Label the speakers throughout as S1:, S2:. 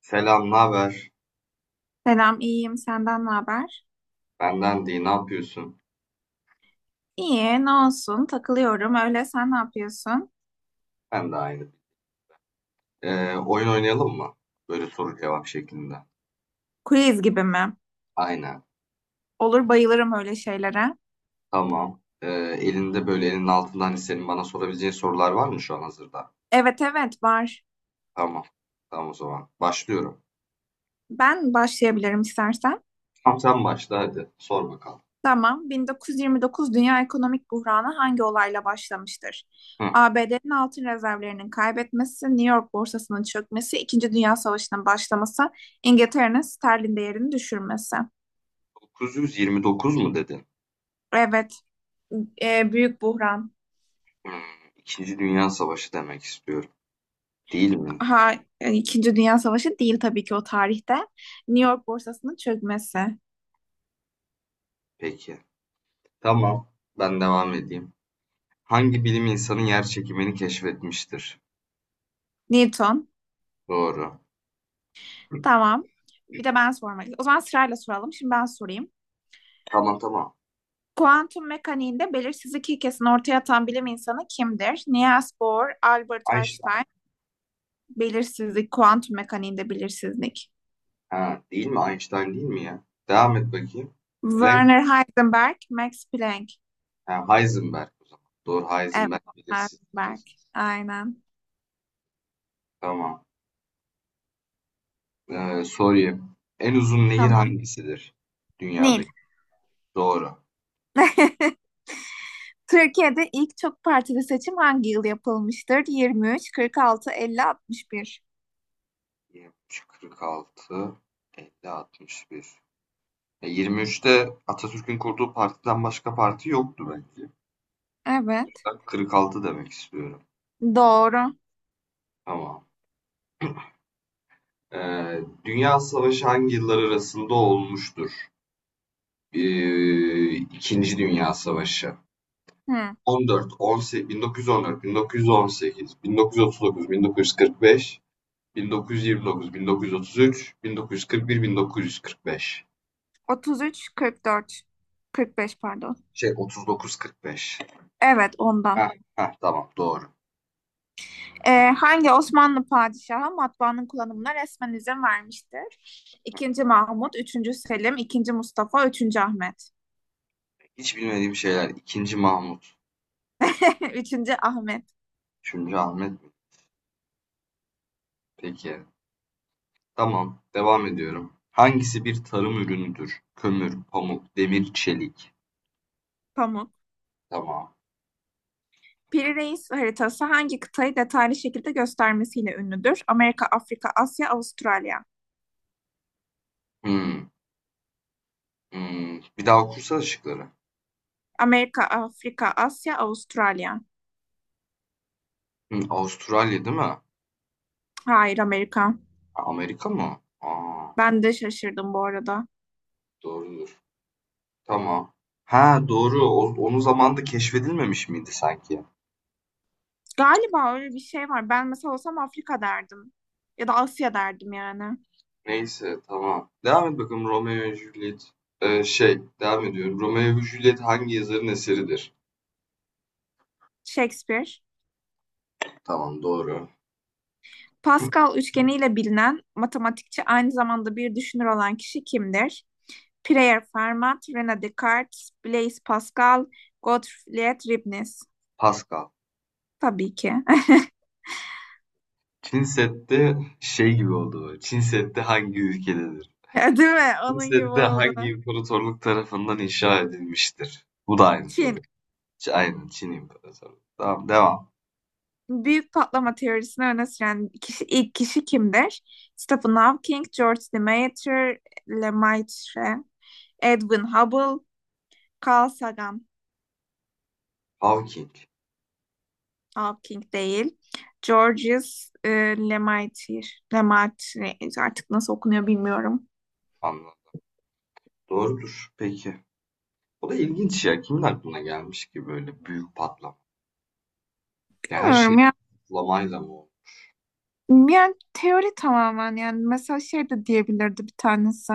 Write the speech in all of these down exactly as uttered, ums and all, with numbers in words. S1: Selam, ne haber?
S2: Selam, iyiyim. Senden ne haber?
S1: Benden değil, ne yapıyorsun?
S2: İyi, ne olsun? Takılıyorum. Öyle sen ne yapıyorsun?
S1: Ben de aynı. Ee, oyun oynayalım mı? Böyle soru cevap şeklinde.
S2: Quiz gibi mi?
S1: Aynen,
S2: Olur, bayılırım öyle şeylere.
S1: tamam. Ee, elinde böyle elinin altında hani senin bana sorabileceğin sorular var mı şu an hazırda?
S2: Evet, evet, var.
S1: Tamam, tamam o zaman. Başlıyorum.
S2: Ben başlayabilirim istersen.
S1: Tamam sen başla hadi, sor bakalım.
S2: Tamam. bin dokuz yüz yirmi dokuz Dünya Ekonomik Buhranı hangi olayla başlamıştır?
S1: Hı.
S2: A B D'nin altın rezervlerinin kaybetmesi, New York borsasının çökmesi, İkinci Dünya Savaşı'nın başlaması, İngiltere'nin sterlin değerini düşürmesi.
S1: dokuz yüz yirmi dokuz mu dedin?
S2: Evet, e, büyük buhran.
S1: Hmm, İkinci Dünya Savaşı demek istiyorum. Değil mi?
S2: Ha, yani İkinci Dünya Savaşı değil tabii ki o tarihte. New York borsasının çökmesi.
S1: Peki. Tamam, ben devam edeyim. Hangi bilim insanı yer çekimini keşfetmiştir?
S2: Newton.
S1: Doğru.
S2: Tamam. Bir de ben sormak O zaman sırayla soralım. Şimdi ben sorayım.
S1: Tamam tamam.
S2: Kuantum mekaniğinde belirsizlik ilkesini ortaya atan bilim insanı kimdir? Niels Bohr, Albert
S1: Einstein.
S2: Einstein, belirsizlik, kuantum mekaniğinde belirsizlik.
S1: Ha, değil mi? Einstein değil mi ya? Devam et bakayım. Planck.
S2: Werner Heisenberg, Max Planck.
S1: Ha, Heisenberg o zaman. Doğru
S2: Evet,
S1: Heisenberg
S2: Heisenberg.
S1: bilirsiniz.
S2: Aynen.
S1: Tamam. Ee, sorayım. En uzun nehir
S2: Tamam.
S1: hangisidir?
S2: Nil.
S1: Dünyadaki. Doğru.
S2: Türkiye'de ilk çok partili seçim hangi yıl yapılmıştır? yirmi üç, kırk altı, elli, altmış bir.
S1: yirmi üç, kırk altı, elli, altmış bir. E, yirmi üçte Atatürk'ün kurduğu partiden başka parti yoktu belki.
S2: Evet.
S1: Ben kırk altı demek istiyorum.
S2: Doğru.
S1: Tamam. Ee, Dünya Savaşı hangi yıllar arasında olmuştur? Eee, İkinci Dünya Savaşı.
S2: Hı.
S1: on dört, on sekiz, bin dokuz yüz on dört, bin dokuz yüz on sekiz, bin dokuz yüz otuz dokuz, bin dokuz yüz kırk beş, bin dokuz yüz yirmi dokuz, bin dokuz yüz otuz üç, bin dokuz yüz kırk bir, bin dokuz yüz kırk beş.
S2: otuz üç, kırk dört, kırk beş pardon.
S1: Şey otuz dokuz, kırk beş.
S2: Evet ondan.
S1: Heh, heh, tamam doğru.
S2: Ee, hangi Osmanlı padişahı matbaanın kullanımına resmen izin vermiştir? İkinci Mahmut, üçüncü Selim, ikinci Mustafa, üçüncü Ahmet.
S1: Hiç bilmediğim şeyler. İkinci Mahmut,
S2: Üçüncü Ahmet.
S1: üçüncü Ahmet mi? Peki. Tamam, devam ediyorum. Hangisi bir tarım ürünüdür? Kömür, pamuk, demir, çelik.
S2: Pamuk.
S1: Tamam.
S2: Piri Reis haritası hangi kıtayı detaylı şekilde göstermesiyle ünlüdür? Amerika, Afrika, Asya, Avustralya.
S1: Hmm, hmm. Bir daha okursana şıkları.
S2: Amerika, Afrika, Asya, Avustralya.
S1: Hımm, Avustralya değil mi?
S2: Hayır, Amerika.
S1: A Amerika mı? Aa.
S2: Ben de şaşırdım bu arada.
S1: Doğrudur. Tamam. Ha, doğru. O onun zamanında keşfedilmemiş miydi sanki?
S2: Galiba öyle bir şey var. Ben mesela olsam Afrika derdim. Ya da Asya derdim yani.
S1: Neyse, tamam. Devam et bakalım Romeo ve Juliet. Eee, şey, devam ediyorum. Romeo ve Juliet hangi yazarın eseridir?
S2: Shakespeare.
S1: Tamam, doğru.
S2: Pascal üçgeniyle bilinen matematikçi aynı zamanda bir düşünür olan kişi kimdir? Pierre Fermat, René Descartes, Blaise Pascal, Gottfried Leibniz.
S1: Pascal.
S2: Tabii ki.
S1: Çin Seddi şey gibi oldu böyle, Çin Seddi hangi ülkededir?
S2: Değil mi?
S1: Çin
S2: Onun gibi
S1: Seddi
S2: oldu.
S1: hangi imparatorluk tarafından inşa edilmiştir? Bu da aynı
S2: Çin.
S1: soru. Ç aynen, Çin İmparatorluğu. Tamam, devam.
S2: Büyük patlama teorisini öne süren kişi, ilk kişi kimdir? Stephen Hawking, George Lemaitre, Lemaitre, Edwin Hubble, Carl Sagan.
S1: Hawking.
S2: Hawking değil. Georges e, Lemaitre. Lemaitre artık nasıl okunuyor bilmiyorum.
S1: Anladım. Doğrudur. Peki. O da ilginç ya. Kimin aklına gelmiş ki böyle büyük patlama? Ya her şey
S2: Bilmiyorum ya.
S1: patlamayla mı oldu?
S2: Yani teori tamamen yani mesela şey de diyebilirdi bir tanesi.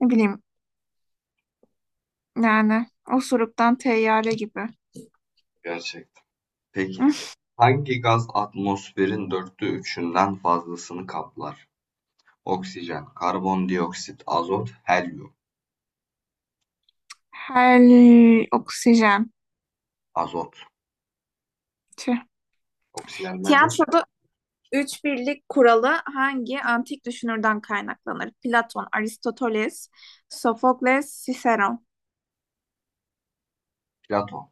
S2: Ne bileyim yani osuruktan teyyare gibi.
S1: Gerçekten. Peki. Hangi gaz atmosferin dörtte üçünden fazlasını kaplar? Oksijen, karbondioksit, azot, helyum.
S2: Her oksijen.
S1: Azot.
S2: Tüh.
S1: Oksijenden çok
S2: Tiyatroda üç birlik kuralı hangi antik düşünürden kaynaklanır? Platon, Aristoteles, Sofokles, Ciceron,
S1: Platon.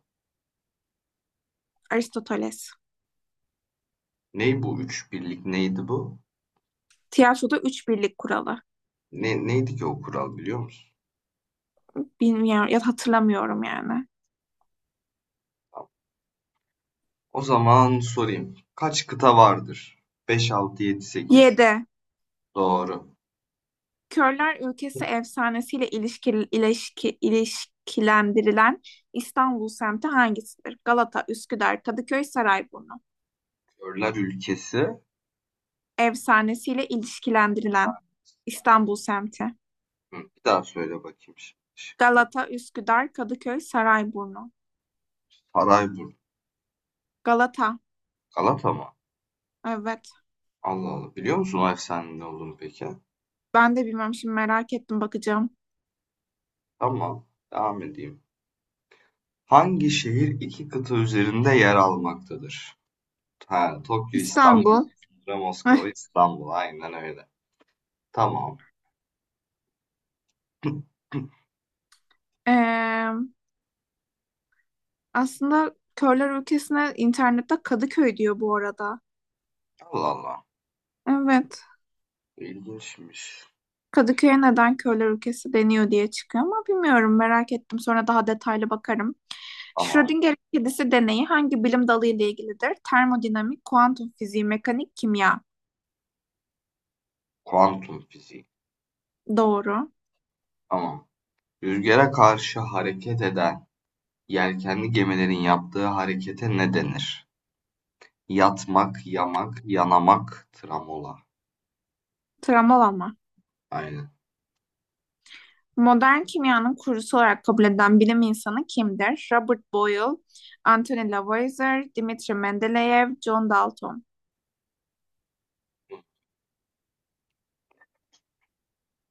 S2: Aristoteles.
S1: Ney bu üç birlik neydi bu?
S2: Tiyatroda üç birlik kuralı.
S1: Ne, neydi ki o kural biliyor musun?
S2: Bilmiyorum ya da hatırlamıyorum yani.
S1: Tamam. O zaman sorayım. Kaç kıta vardır? Beş altı yedi sekiz.
S2: Yedi.
S1: Doğru.
S2: Körler Ülkesi efsanesiyle ilişki, ilişki, ilişkilendirilen İstanbul semti hangisidir? Galata, Üsküdar, Kadıköy, Sarayburnu.
S1: Körler ülkesi.
S2: Efsanesiyle ilişkilendirilen İstanbul semti.
S1: Hı, bir daha söyle bakayım şimdi şıkları.
S2: Galata, Üsküdar, Kadıköy, Sarayburnu.
S1: Sarayburnu,
S2: Galata.
S1: Galata mı?
S2: Evet.
S1: Allah Allah. Biliyor musun o efsanenin ne olduğunu peki?
S2: Ben de bilmiyorum, şimdi merak ettim, bakacağım.
S1: Tamam. Devam edeyim. Hangi şehir iki kıta üzerinde yer almaktadır? Ha, Tokyo, İstanbul,
S2: İstanbul. Eh,
S1: Moskova, İstanbul. Aynen öyle. Tamam.
S2: eee, aslında körler ülkesine internette Kadıköy diyor bu arada.
S1: Allah Allah.
S2: Evet.
S1: İlginçmiş.
S2: Kadıköy'e neden körler ülkesi deniyor diye çıkıyor ama bilmiyorum, merak ettim. Sonra daha detaylı bakarım.
S1: Tamam.
S2: Schrödinger kedisi deneyi hangi bilim dalı ile ilgilidir? Termodinamik, kuantum fiziği, mekanik, kimya.
S1: Kuantum fiziği.
S2: Doğru.
S1: Tamam. Rüzgara karşı hareket eden yelkenli gemilerin yaptığı harekete ne denir? Yatmak, yamak, yanamak, tramola.
S2: Travmalama.
S1: Aynen.
S2: Modern kimyanın kurucusu olarak kabul edilen bilim insanı kimdir? Robert Boyle, Anthony Lavoisier, Dmitri Mendeleev, John Dalton.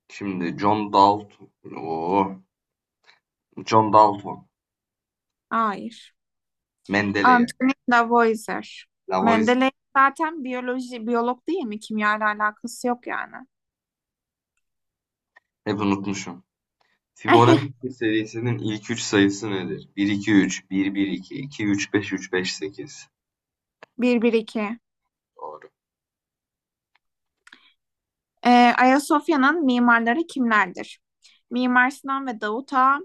S1: Şimdi John Dalton. Oo, John Dalton.
S2: Hayır.
S1: Mendeley.
S2: Anthony Lavoisier.
S1: Lavois.
S2: Mendeleev zaten biyoloji, biyolog değil mi? Kimya ile alakası yok yani.
S1: Hep unutmuşum. Fibonacci serisinin ilk üç sayısı nedir? bir iki üç bir bir iki iki üç beş üç beş sekiz.
S2: Bir 1 iki.
S1: Doğru.
S2: Ayasofya'nın mimarları kimlerdir? Mimar Sinan ve Davut Ağa,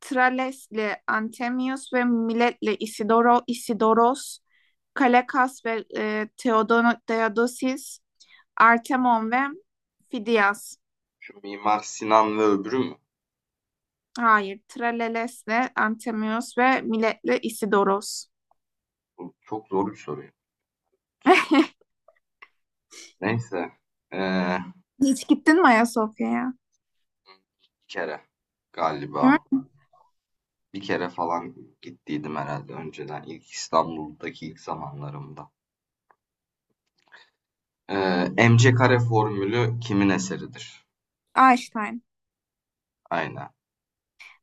S2: Trales'le Antemius ve Milet'le Isidoro, Isidoros, Kalekas ve e, Theodono- Theodosis, Artemon ve Fidias.
S1: Şu Mimar Sinan ve öbürü mü?
S2: Hayır, Trales'le Antemius ve Milet'le Isidoros.
S1: Bu çok zor bir soru. Neyse. Ee,
S2: Hiç gittin mi Ayasofya'ya?
S1: Bir kere
S2: Hı?
S1: galiba. Bir kere falan gittiydim herhalde önceden. İlk İstanbul'daki ilk zamanlarımda. Ee, M C kare formülü kimin eseridir?
S2: Einstein.
S1: Aynen.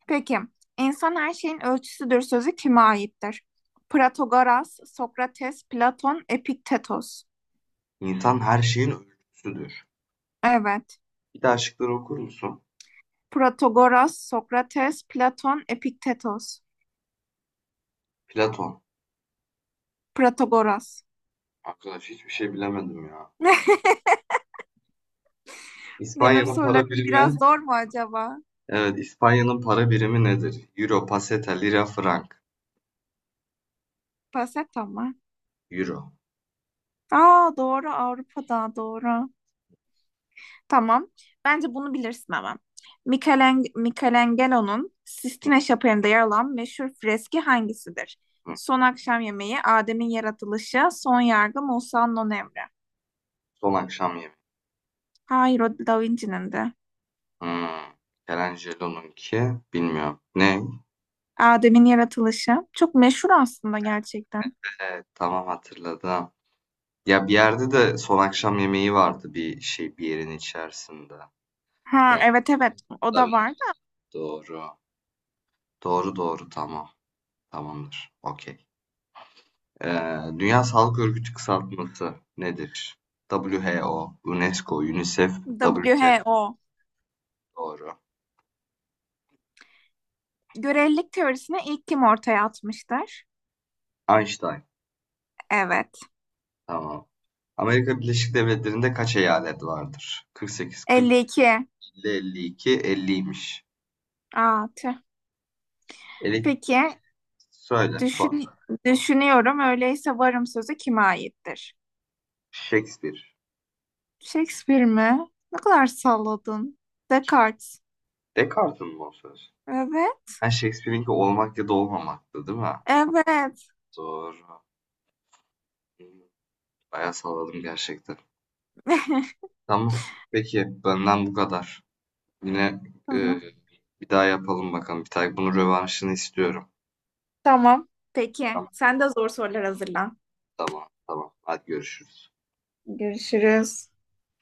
S2: Peki, insan her şeyin ölçüsüdür sözü kime aittir? Protagoras, Sokrates, Platon, Epiktetos.
S1: İnsan her şeyin ölçüsüdür.
S2: Evet.
S1: Bir daha şıkları okur musun?
S2: Protagoras, Sokrates, Platon, Epiktetos.
S1: Platon.
S2: Protagoras.
S1: Arkadaş hiçbir şey bilemedim ya.
S2: Benim
S1: İspanya'nın
S2: sorularım
S1: para birimi.
S2: biraz zor mu acaba?
S1: Evet, İspanya'nın para birimi nedir? Euro, peseta, lira, frank.
S2: Paseta mı?
S1: Euro.
S2: Aa, doğru, Avrupa'da doğru. Tamam. Bence bunu bilirsin ama. Michelen- Michelangelo'nun
S1: Hı
S2: Sistine Şapeli'nde yer alan meşhur freski hangisidir?
S1: hı.
S2: Son akşam yemeği, Adem'in yaratılışı, son yargı, Musa'nın on emri.
S1: Son akşam yemeği.
S2: Hayır, o Da Vinci'nin de.
S1: Hmm. Michelangelo'nunki bilmiyorum. Ne?
S2: Adem'in yaratılışı. Çok meşhur aslında gerçekten.
S1: Evet, tamam hatırladım. Ya bir yerde de son akşam yemeği vardı bir şey bir yerin içerisinde.
S2: Ha,
S1: Da
S2: evet evet o
S1: Da
S2: da
S1: Vinci.
S2: var
S1: Doğru. Doğru doğru tamam. Tamamdır. Okey. Ee, Dünya Sağlık Örgütü kısaltması nedir? WHO, UNESCO, UNICEF,
S2: da
S1: WTO.
S2: W H O.
S1: Doğru.
S2: Görelilik teorisini ilk kim ortaya atmıştır?
S1: Einstein.
S2: Evet.
S1: Tamam. Amerika Birleşik Devletleri'nde kaç eyalet vardır? kırk sekiz, kırk,
S2: elli iki.
S1: elli, elli iki, elliymiş.
S2: Aa, tüh.
S1: Elek
S2: Peki
S1: söyle son.
S2: düşün, düşünüyorum öyleyse varım sözü kime aittir?
S1: Shakespeare.
S2: Shakespeare mi? Ne kadar salladın.
S1: Kim?
S2: Descartes.
S1: Descartes'in mi o söz?
S2: Evet.
S1: Ha Shakespeare'inki olmak ya da olmamaktı değil mi?
S2: Evet.
S1: Doğru. Bayağı salladım gerçekten. Tamam. Peki benden bu kadar. Yine e,
S2: Tamam.
S1: bir daha yapalım bakalım. Bir tane bunun rövanşını istiyorum.
S2: Tamam. Peki
S1: Tamam,
S2: sen de zor sorular hazırlan.
S1: tamam, tamam. Hadi görüşürüz.
S2: Görüşürüz.